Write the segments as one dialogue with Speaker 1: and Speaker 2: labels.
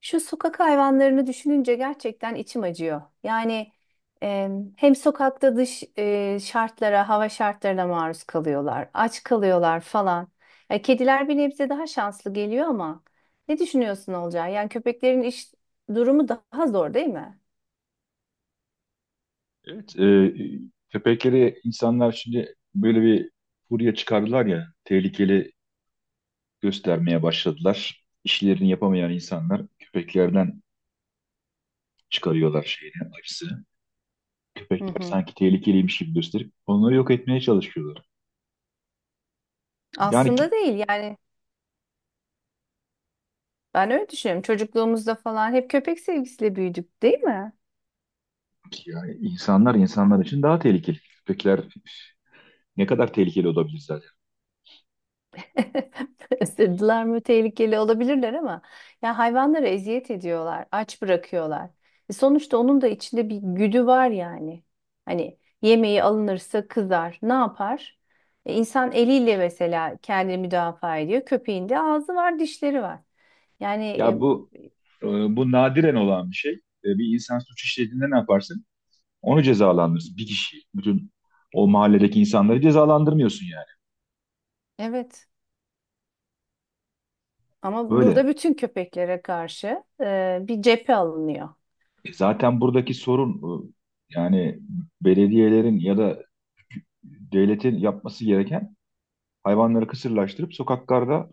Speaker 1: Şu sokak hayvanlarını düşününce gerçekten içim acıyor. Yani e, hem sokakta şartlara, hava şartlarına maruz kalıyorlar, aç kalıyorlar falan. Kediler bir nebze daha şanslı geliyor ama ne düşünüyorsun Olcay? Yani köpeklerin iş durumu daha zor değil mi?
Speaker 2: Evet, köpekleri insanlar şimdi böyle bir furya çıkardılar ya, tehlikeli göstermeye başladılar. İşlerini yapamayan insanlar köpeklerden çıkarıyorlar şeyini, acısı.
Speaker 1: Hı
Speaker 2: Köpekler
Speaker 1: hı.
Speaker 2: sanki tehlikeliymiş gibi gösterip onları yok etmeye çalışıyorlar. Yani,
Speaker 1: Aslında
Speaker 2: ki-
Speaker 1: değil yani ben öyle düşünüyorum. Çocukluğumuzda falan hep köpek sevgisiyle büyüdük değil mi?
Speaker 2: yani insanlar için daha tehlikeli. Köpekler ne kadar tehlikeli olabilir zaten.
Speaker 1: Beslediler mi tehlikeli olabilirler ama ya hayvanlara eziyet ediyorlar, aç bırakıyorlar. E sonuçta onun da içinde bir güdü var yani. Hani yemeği alınırsa kızar, ne yapar? E insan eliyle mesela kendini müdafaa ediyor. Köpeğin de ağzı var, dişleri var. Yani
Speaker 2: Ya bu
Speaker 1: e,
Speaker 2: e, bu nadiren olan bir şey. Bir insan suç işlediğinde ne yaparsın? Onu cezalandırırsın. Bir kişiyi, bütün o mahalledeki insanları cezalandırmıyorsun yani.
Speaker 1: evet, ama burada
Speaker 2: Böyle.
Speaker 1: bütün köpeklere karşı bir cephe alınıyor.
Speaker 2: Zaten buradaki sorun, yani belediyelerin ya da devletin yapması gereken hayvanları kısırlaştırıp sokaklarda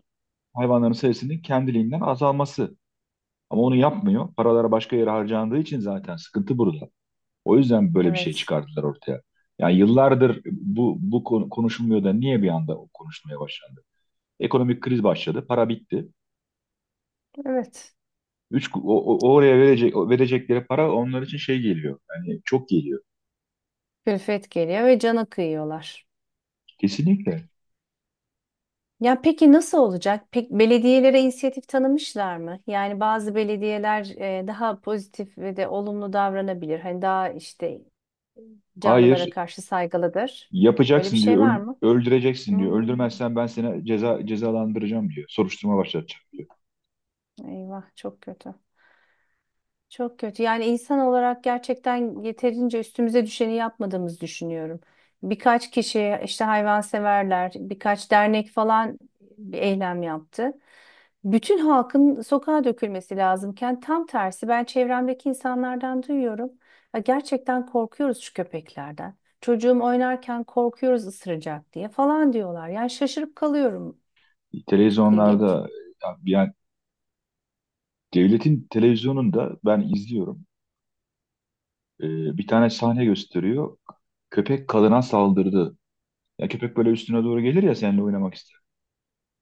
Speaker 2: hayvanların sayısının kendiliğinden azalması. Ama onu yapmıyor. Paralara başka yere harcandığı için zaten sıkıntı burada. O yüzden böyle bir şey
Speaker 1: Evet.
Speaker 2: çıkardılar ortaya. Yani yıllardır bu konu konuşulmuyor da niye bir anda konuşulmaya başlandı? Ekonomik kriz başladı, para bitti.
Speaker 1: Evet.
Speaker 2: Oraya verecekleri para onlar için şey geliyor. Yani çok geliyor.
Speaker 1: Külfet geliyor ve cana kıyıyorlar.
Speaker 2: Kesinlikle.
Speaker 1: Ya peki nasıl olacak? Pek belediyelere inisiyatif tanımışlar mı? Yani bazı belediyeler daha pozitif ve de olumlu davranabilir. Hani daha işte canlılara
Speaker 2: Hayır,
Speaker 1: karşı saygılıdır. Öyle bir
Speaker 2: yapacaksın diyor.
Speaker 1: şey var
Speaker 2: öl-
Speaker 1: mı?
Speaker 2: öldüreceksin diyor.
Speaker 1: Hmm,
Speaker 2: Öldürmezsen ben seni cezalandıracağım diyor. Soruşturma başlatacağım diyor.
Speaker 1: eyvah çok kötü. Çok kötü. Yani insan olarak gerçekten yeterince üstümüze düşeni yapmadığımızı düşünüyorum. Birkaç kişi işte hayvanseverler, birkaç dernek falan bir eylem yaptı. Bütün halkın sokağa dökülmesi lazımken tam tersi ben çevremdeki insanlardan duyuyorum. Ya gerçekten korkuyoruz şu köpeklerden. Çocuğum oynarken korkuyoruz ısıracak diye falan diyorlar. Yani şaşırıp kalıyorum. Çok
Speaker 2: Televizyonlarda,
Speaker 1: ilginç.
Speaker 2: yani devletin televizyonunda ben izliyorum. Ee, Bir tane sahne gösteriyor. Köpek kadına saldırdı. Ya köpek böyle üstüne doğru gelir ya seninle oynamak ister.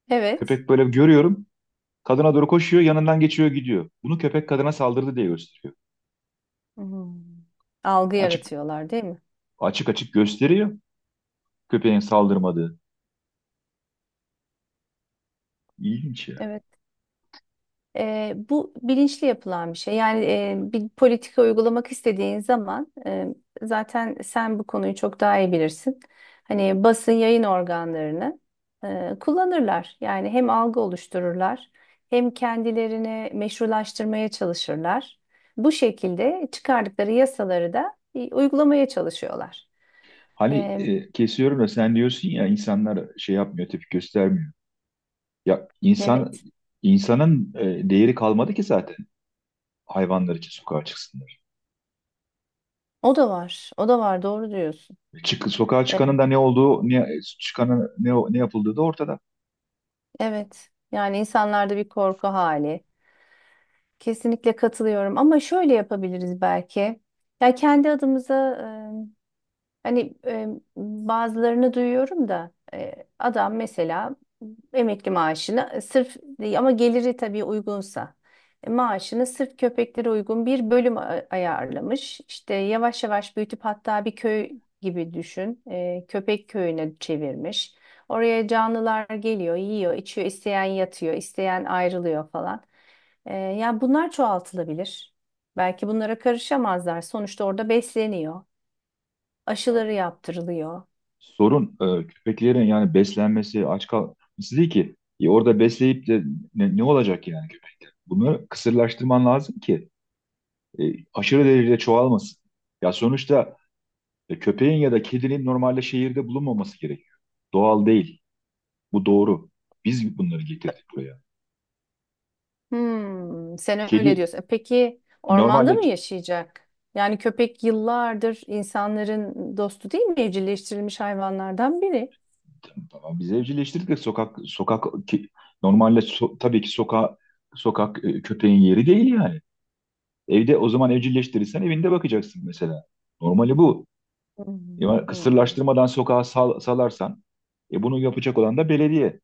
Speaker 1: Evet.
Speaker 2: Köpek böyle görüyorum. Kadına doğru koşuyor, yanından geçiyor, gidiyor. Bunu köpek kadına saldırdı diye gösteriyor.
Speaker 1: Hmm. Algı
Speaker 2: Açık
Speaker 1: yaratıyorlar, değil mi?
Speaker 2: açık gösteriyor köpeğin saldırmadığı. İlginç ya.
Speaker 1: Evet. E, bu bilinçli yapılan bir şey. Bir politika uygulamak istediğin zaman zaten sen bu konuyu çok daha iyi bilirsin. Hani basın yayın organlarını kullanırlar. Yani hem algı oluştururlar hem kendilerini meşrulaştırmaya çalışırlar. Bu şekilde çıkardıkları yasaları da uygulamaya çalışıyorlar.
Speaker 2: Hani,
Speaker 1: E,
Speaker 2: kesiyorum da sen diyorsun ya, insanlar şey yapmıyor, tepki göstermiyor. Ya insan
Speaker 1: evet.
Speaker 2: insanın değeri kalmadı ki zaten hayvanlar için sokağa çıksınlar.
Speaker 1: O da var. O da var. Doğru diyorsun.
Speaker 2: Sokağa
Speaker 1: E,
Speaker 2: çıkanın da ne olduğu, ne çıkanın ne yapıldığı da ortada.
Speaker 1: evet. Yani insanlarda bir korku hali. Kesinlikle katılıyorum ama şöyle yapabiliriz belki. Ya kendi adımıza hani bazılarını duyuyorum da adam mesela emekli maaşını sırf ama geliri tabii uygunsa maaşını sırf köpeklere uygun bir bölüm ayarlamış. İşte yavaş yavaş büyütüp hatta bir köy gibi düşün, köpek köyüne çevirmiş. Oraya canlılar geliyor, yiyor, içiyor, isteyen yatıyor, isteyen ayrılıyor falan. Yani bunlar çoğaltılabilir. Belki bunlara karışamazlar. Sonuçta orada besleniyor,
Speaker 2: Ya,
Speaker 1: aşıları yaptırılıyor.
Speaker 2: sorun köpeklerin yani beslenmesi, aç kalması değil ki. Orada besleyip de ne olacak yani köpekler? Bunu kısırlaştırman lazım ki, e, aşırı derecede çoğalmasın. Ya, sonuçta köpeğin ya da kedinin normalde şehirde bulunmaması gerekiyor. Doğal değil. Bu doğru. Biz bunları getirdik buraya.
Speaker 1: Hmm, sen öyle
Speaker 2: Kedi
Speaker 1: diyorsun. E peki ormanda
Speaker 2: normalde,
Speaker 1: mı yaşayacak? Yani köpek yıllardır insanların dostu değil mi? Evcilleştirilmiş hayvanlardan biri.
Speaker 2: tamam, biz evcilleştirdik de sokak sokak ki, normalde tabii ki sokağa, sokak, köpeğin yeri değil yani. Evde, o zaman evcilleştirirsen evinde bakacaksın mesela. Normali bu.
Speaker 1: Hmm,
Speaker 2: Ya,
Speaker 1: hmm.
Speaker 2: kısırlaştırmadan sokağa salarsan, bunu yapacak olan da belediye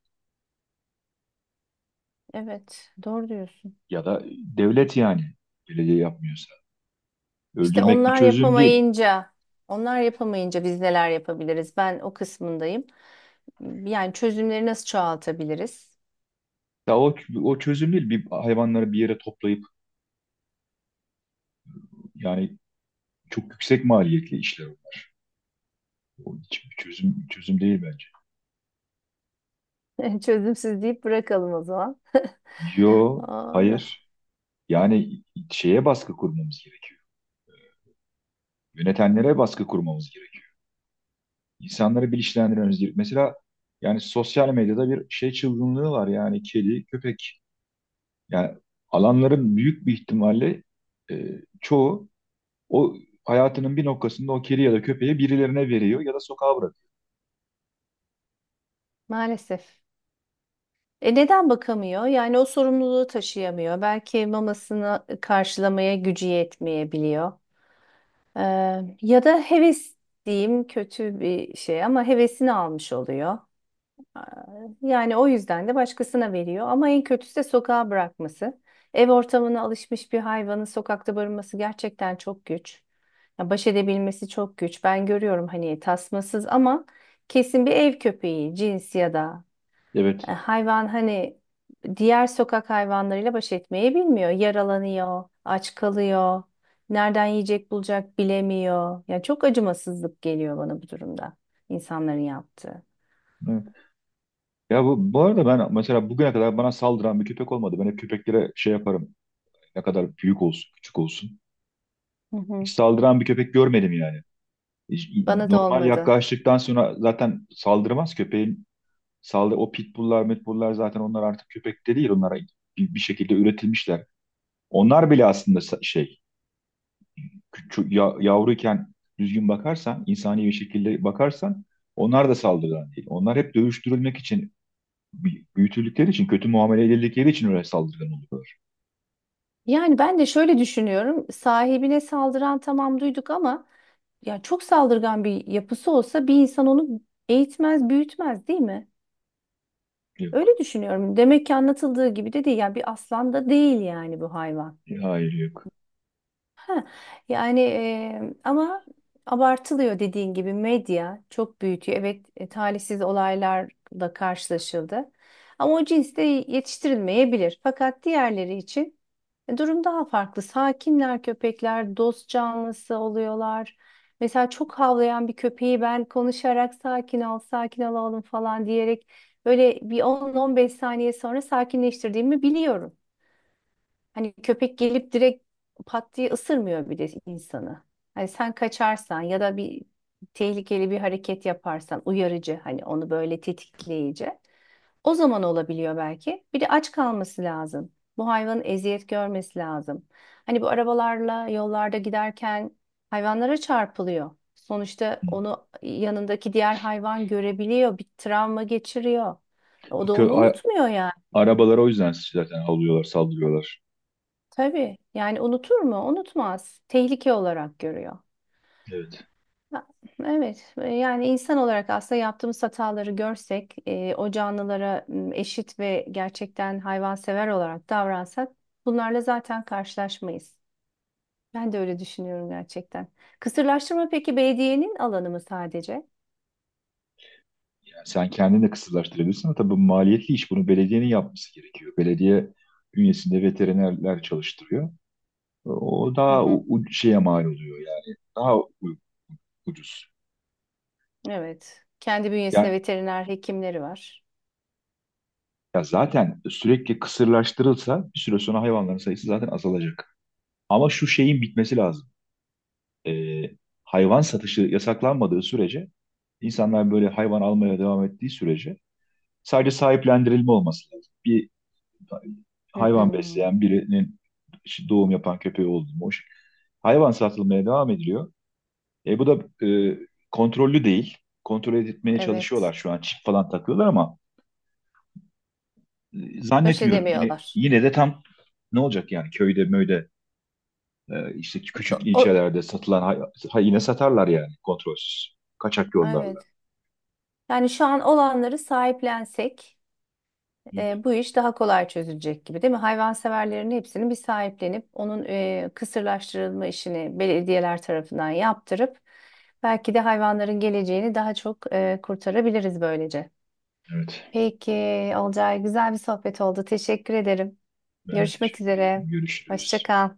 Speaker 1: Evet, doğru diyorsun.
Speaker 2: ya da devlet yani. Belediye yapmıyorsa.
Speaker 1: İşte
Speaker 2: Öldürmek bir
Speaker 1: onlar
Speaker 2: çözüm değil.
Speaker 1: yapamayınca, onlar yapamayınca biz neler yapabiliriz? Ben o kısmındayım. Yani çözümleri nasıl çoğaltabiliriz?
Speaker 2: Ya o çözüm değil. Bir hayvanları bir yere toplayıp, yani, çok yüksek maliyetli işler. O hiç bir çözüm değil bence.
Speaker 1: Çözümsüz deyip bırakalım o zaman.
Speaker 2: Yo,
Speaker 1: Aa,
Speaker 2: hayır. Yani şeye baskı kurmamız gerekiyor. Yönetenlere baskı kurmamız gerekiyor. İnsanları bilinçlendirmemiz gerekiyor. Mesela yani sosyal medyada bir şey çılgınlığı var yani, kedi, köpek. Yani alanların büyük bir ihtimalle, e, çoğu, o hayatının bir noktasında o kedi ya da köpeği birilerine veriyor ya da sokağa bırakıyor.
Speaker 1: maalesef. E neden bakamıyor? Yani o sorumluluğu taşıyamıyor. Belki mamasını karşılamaya gücü yetmeyebiliyor. Ee, Ya da heves diyeyim kötü bir şey ama hevesini almış oluyor. Ee, Yani o yüzden de başkasına veriyor. Ama en kötüsü de sokağa bırakması. Ev ortamına alışmış bir hayvanın sokakta barınması gerçekten çok güç. Ya baş edebilmesi çok güç. Ben görüyorum hani tasmasız ama kesin bir ev köpeği cins ya da
Speaker 2: Evet.
Speaker 1: hayvan hani diğer sokak hayvanlarıyla baş etmeyi bilmiyor. Yaralanıyor, aç kalıyor, nereden yiyecek bulacak bilemiyor. Yani çok acımasızlık geliyor bana bu durumda insanların yaptığı.
Speaker 2: Ya, bu arada ben mesela bugüne kadar bana saldıran bir köpek olmadı. Ben hep köpeklere şey yaparım. Ne kadar büyük olsun, küçük olsun.
Speaker 1: Hı
Speaker 2: Hiç
Speaker 1: hı.
Speaker 2: saldıran bir köpek görmedim yani. Hiç-
Speaker 1: Bana da
Speaker 2: Normal
Speaker 1: olmadı.
Speaker 2: yaklaştıktan sonra zaten saldırmaz köpeğin. O pitbulllar, metbulllar zaten onlar artık köpek de değil. Onlara bir şekilde üretilmişler. Onlar bile aslında şey, küçük, ya, yavruyken düzgün bakarsan, insani bir şekilde bakarsan onlar da saldırgan değil. Onlar hep dövüştürülmek için büyütüldükleri için, kötü muamele edildikleri için öyle saldırgan oluyor.
Speaker 1: Yani ben de şöyle düşünüyorum. Sahibine saldıran tamam duyduk ama ya çok saldırgan bir yapısı olsa bir insan onu eğitmez, büyütmez değil mi? Öyle
Speaker 2: Yok.
Speaker 1: düşünüyorum. Demek ki anlatıldığı gibi de değil. Yani bir aslan da değil yani bu hayvan.
Speaker 2: Hayır, yok.
Speaker 1: Yani ama abartılıyor dediğin gibi medya çok büyütüyor. Evet, talihsiz olaylarla karşılaşıldı. Ama o cins de yetiştirilmeyebilir. Fakat diğerleri için durum daha farklı. Sakinler köpekler, dost canlısı oluyorlar. Mesela çok havlayan bir köpeği ben konuşarak sakin ol, sakin ol oğlum falan diyerek böyle bir 10-15 saniye sonra sakinleştirdiğimi biliyorum. Hani köpek gelip direkt pat diye ısırmıyor bir de insanı. Hani sen kaçarsan ya da bir tehlikeli bir hareket yaparsan uyarıcı hani onu böyle tetikleyici. O zaman olabiliyor belki. Bir de aç kalması lazım. Bu hayvanın eziyet görmesi lazım. Hani bu arabalarla yollarda giderken hayvanlara çarpılıyor. Sonuçta
Speaker 2: Hı.
Speaker 1: onu yanındaki diğer hayvan görebiliyor, bir travma geçiriyor.
Speaker 2: O
Speaker 1: O da
Speaker 2: kö
Speaker 1: onu
Speaker 2: a-
Speaker 1: unutmuyor.
Speaker 2: arabalara o yüzden zaten alıyorlar, saldırıyorlar.
Speaker 1: Tabii yani unutur mu? Unutmaz. Tehlike olarak görüyor.
Speaker 2: Evet.
Speaker 1: Ha, evet. Yani insan olarak aslında yaptığımız hataları görsek, o canlılara eşit ve gerçekten hayvansever olarak davransak bunlarla zaten karşılaşmayız. Ben de öyle düşünüyorum gerçekten. Kısırlaştırma peki belediyenin alanı mı sadece?
Speaker 2: Yani sen kendini de kısırlaştırabilirsin ama tabii bu maliyetli iş. Bunu belediyenin yapması gerekiyor. Belediye bünyesinde veterinerler çalıştırıyor. O
Speaker 1: Hı
Speaker 2: daha
Speaker 1: hı,
Speaker 2: şeye mal oluyor yani. Daha ucuz.
Speaker 1: evet. Kendi bünyesinde
Speaker 2: Ya,
Speaker 1: veteriner hekimleri var.
Speaker 2: ya zaten sürekli kısırlaştırılsa bir süre sonra hayvanların sayısı zaten azalacak. Ama şu şeyin bitmesi lazım. e, hayvan satışı yasaklanmadığı sürece, insanlar böyle hayvan almaya devam ettiği sürece sadece sahiplendirilme olması lazım. Bir
Speaker 1: Hı hı,
Speaker 2: hayvan besleyen birinin, işte, doğum yapan köpeği oldu mu? Hoş. Hayvan satılmaya devam ediliyor. Bu da kontrollü değil. Kontrol etmeye
Speaker 1: evet.
Speaker 2: çalışıyorlar şu an. Çip falan takıyorlar ama
Speaker 1: Baş
Speaker 2: zannetmiyorum. Yine
Speaker 1: edemiyorlar.
Speaker 2: yine de tam ne olacak yani, köyde möyde, işte
Speaker 1: O,
Speaker 2: küçük
Speaker 1: o-
Speaker 2: ilçelerde satılan yine satarlar yani, kontrolsüz. Kaçak yollarla.
Speaker 1: evet. Yani şu an olanları sahiplensek
Speaker 2: Evet,
Speaker 1: bu iş daha kolay çözülecek gibi değil mi? Hayvanseverlerin hepsini bir sahiplenip onun kısırlaştırılma işini belediyeler tarafından yaptırıp belki de hayvanların geleceğini daha çok kurtarabiliriz böylece.
Speaker 2: evet.
Speaker 1: Peki Olcay, güzel bir sohbet oldu. Teşekkür ederim.
Speaker 2: Ben de
Speaker 1: Görüşmek
Speaker 2: teşekkür ederim.
Speaker 1: üzere. Hoşça
Speaker 2: Görüşürüz.
Speaker 1: kal.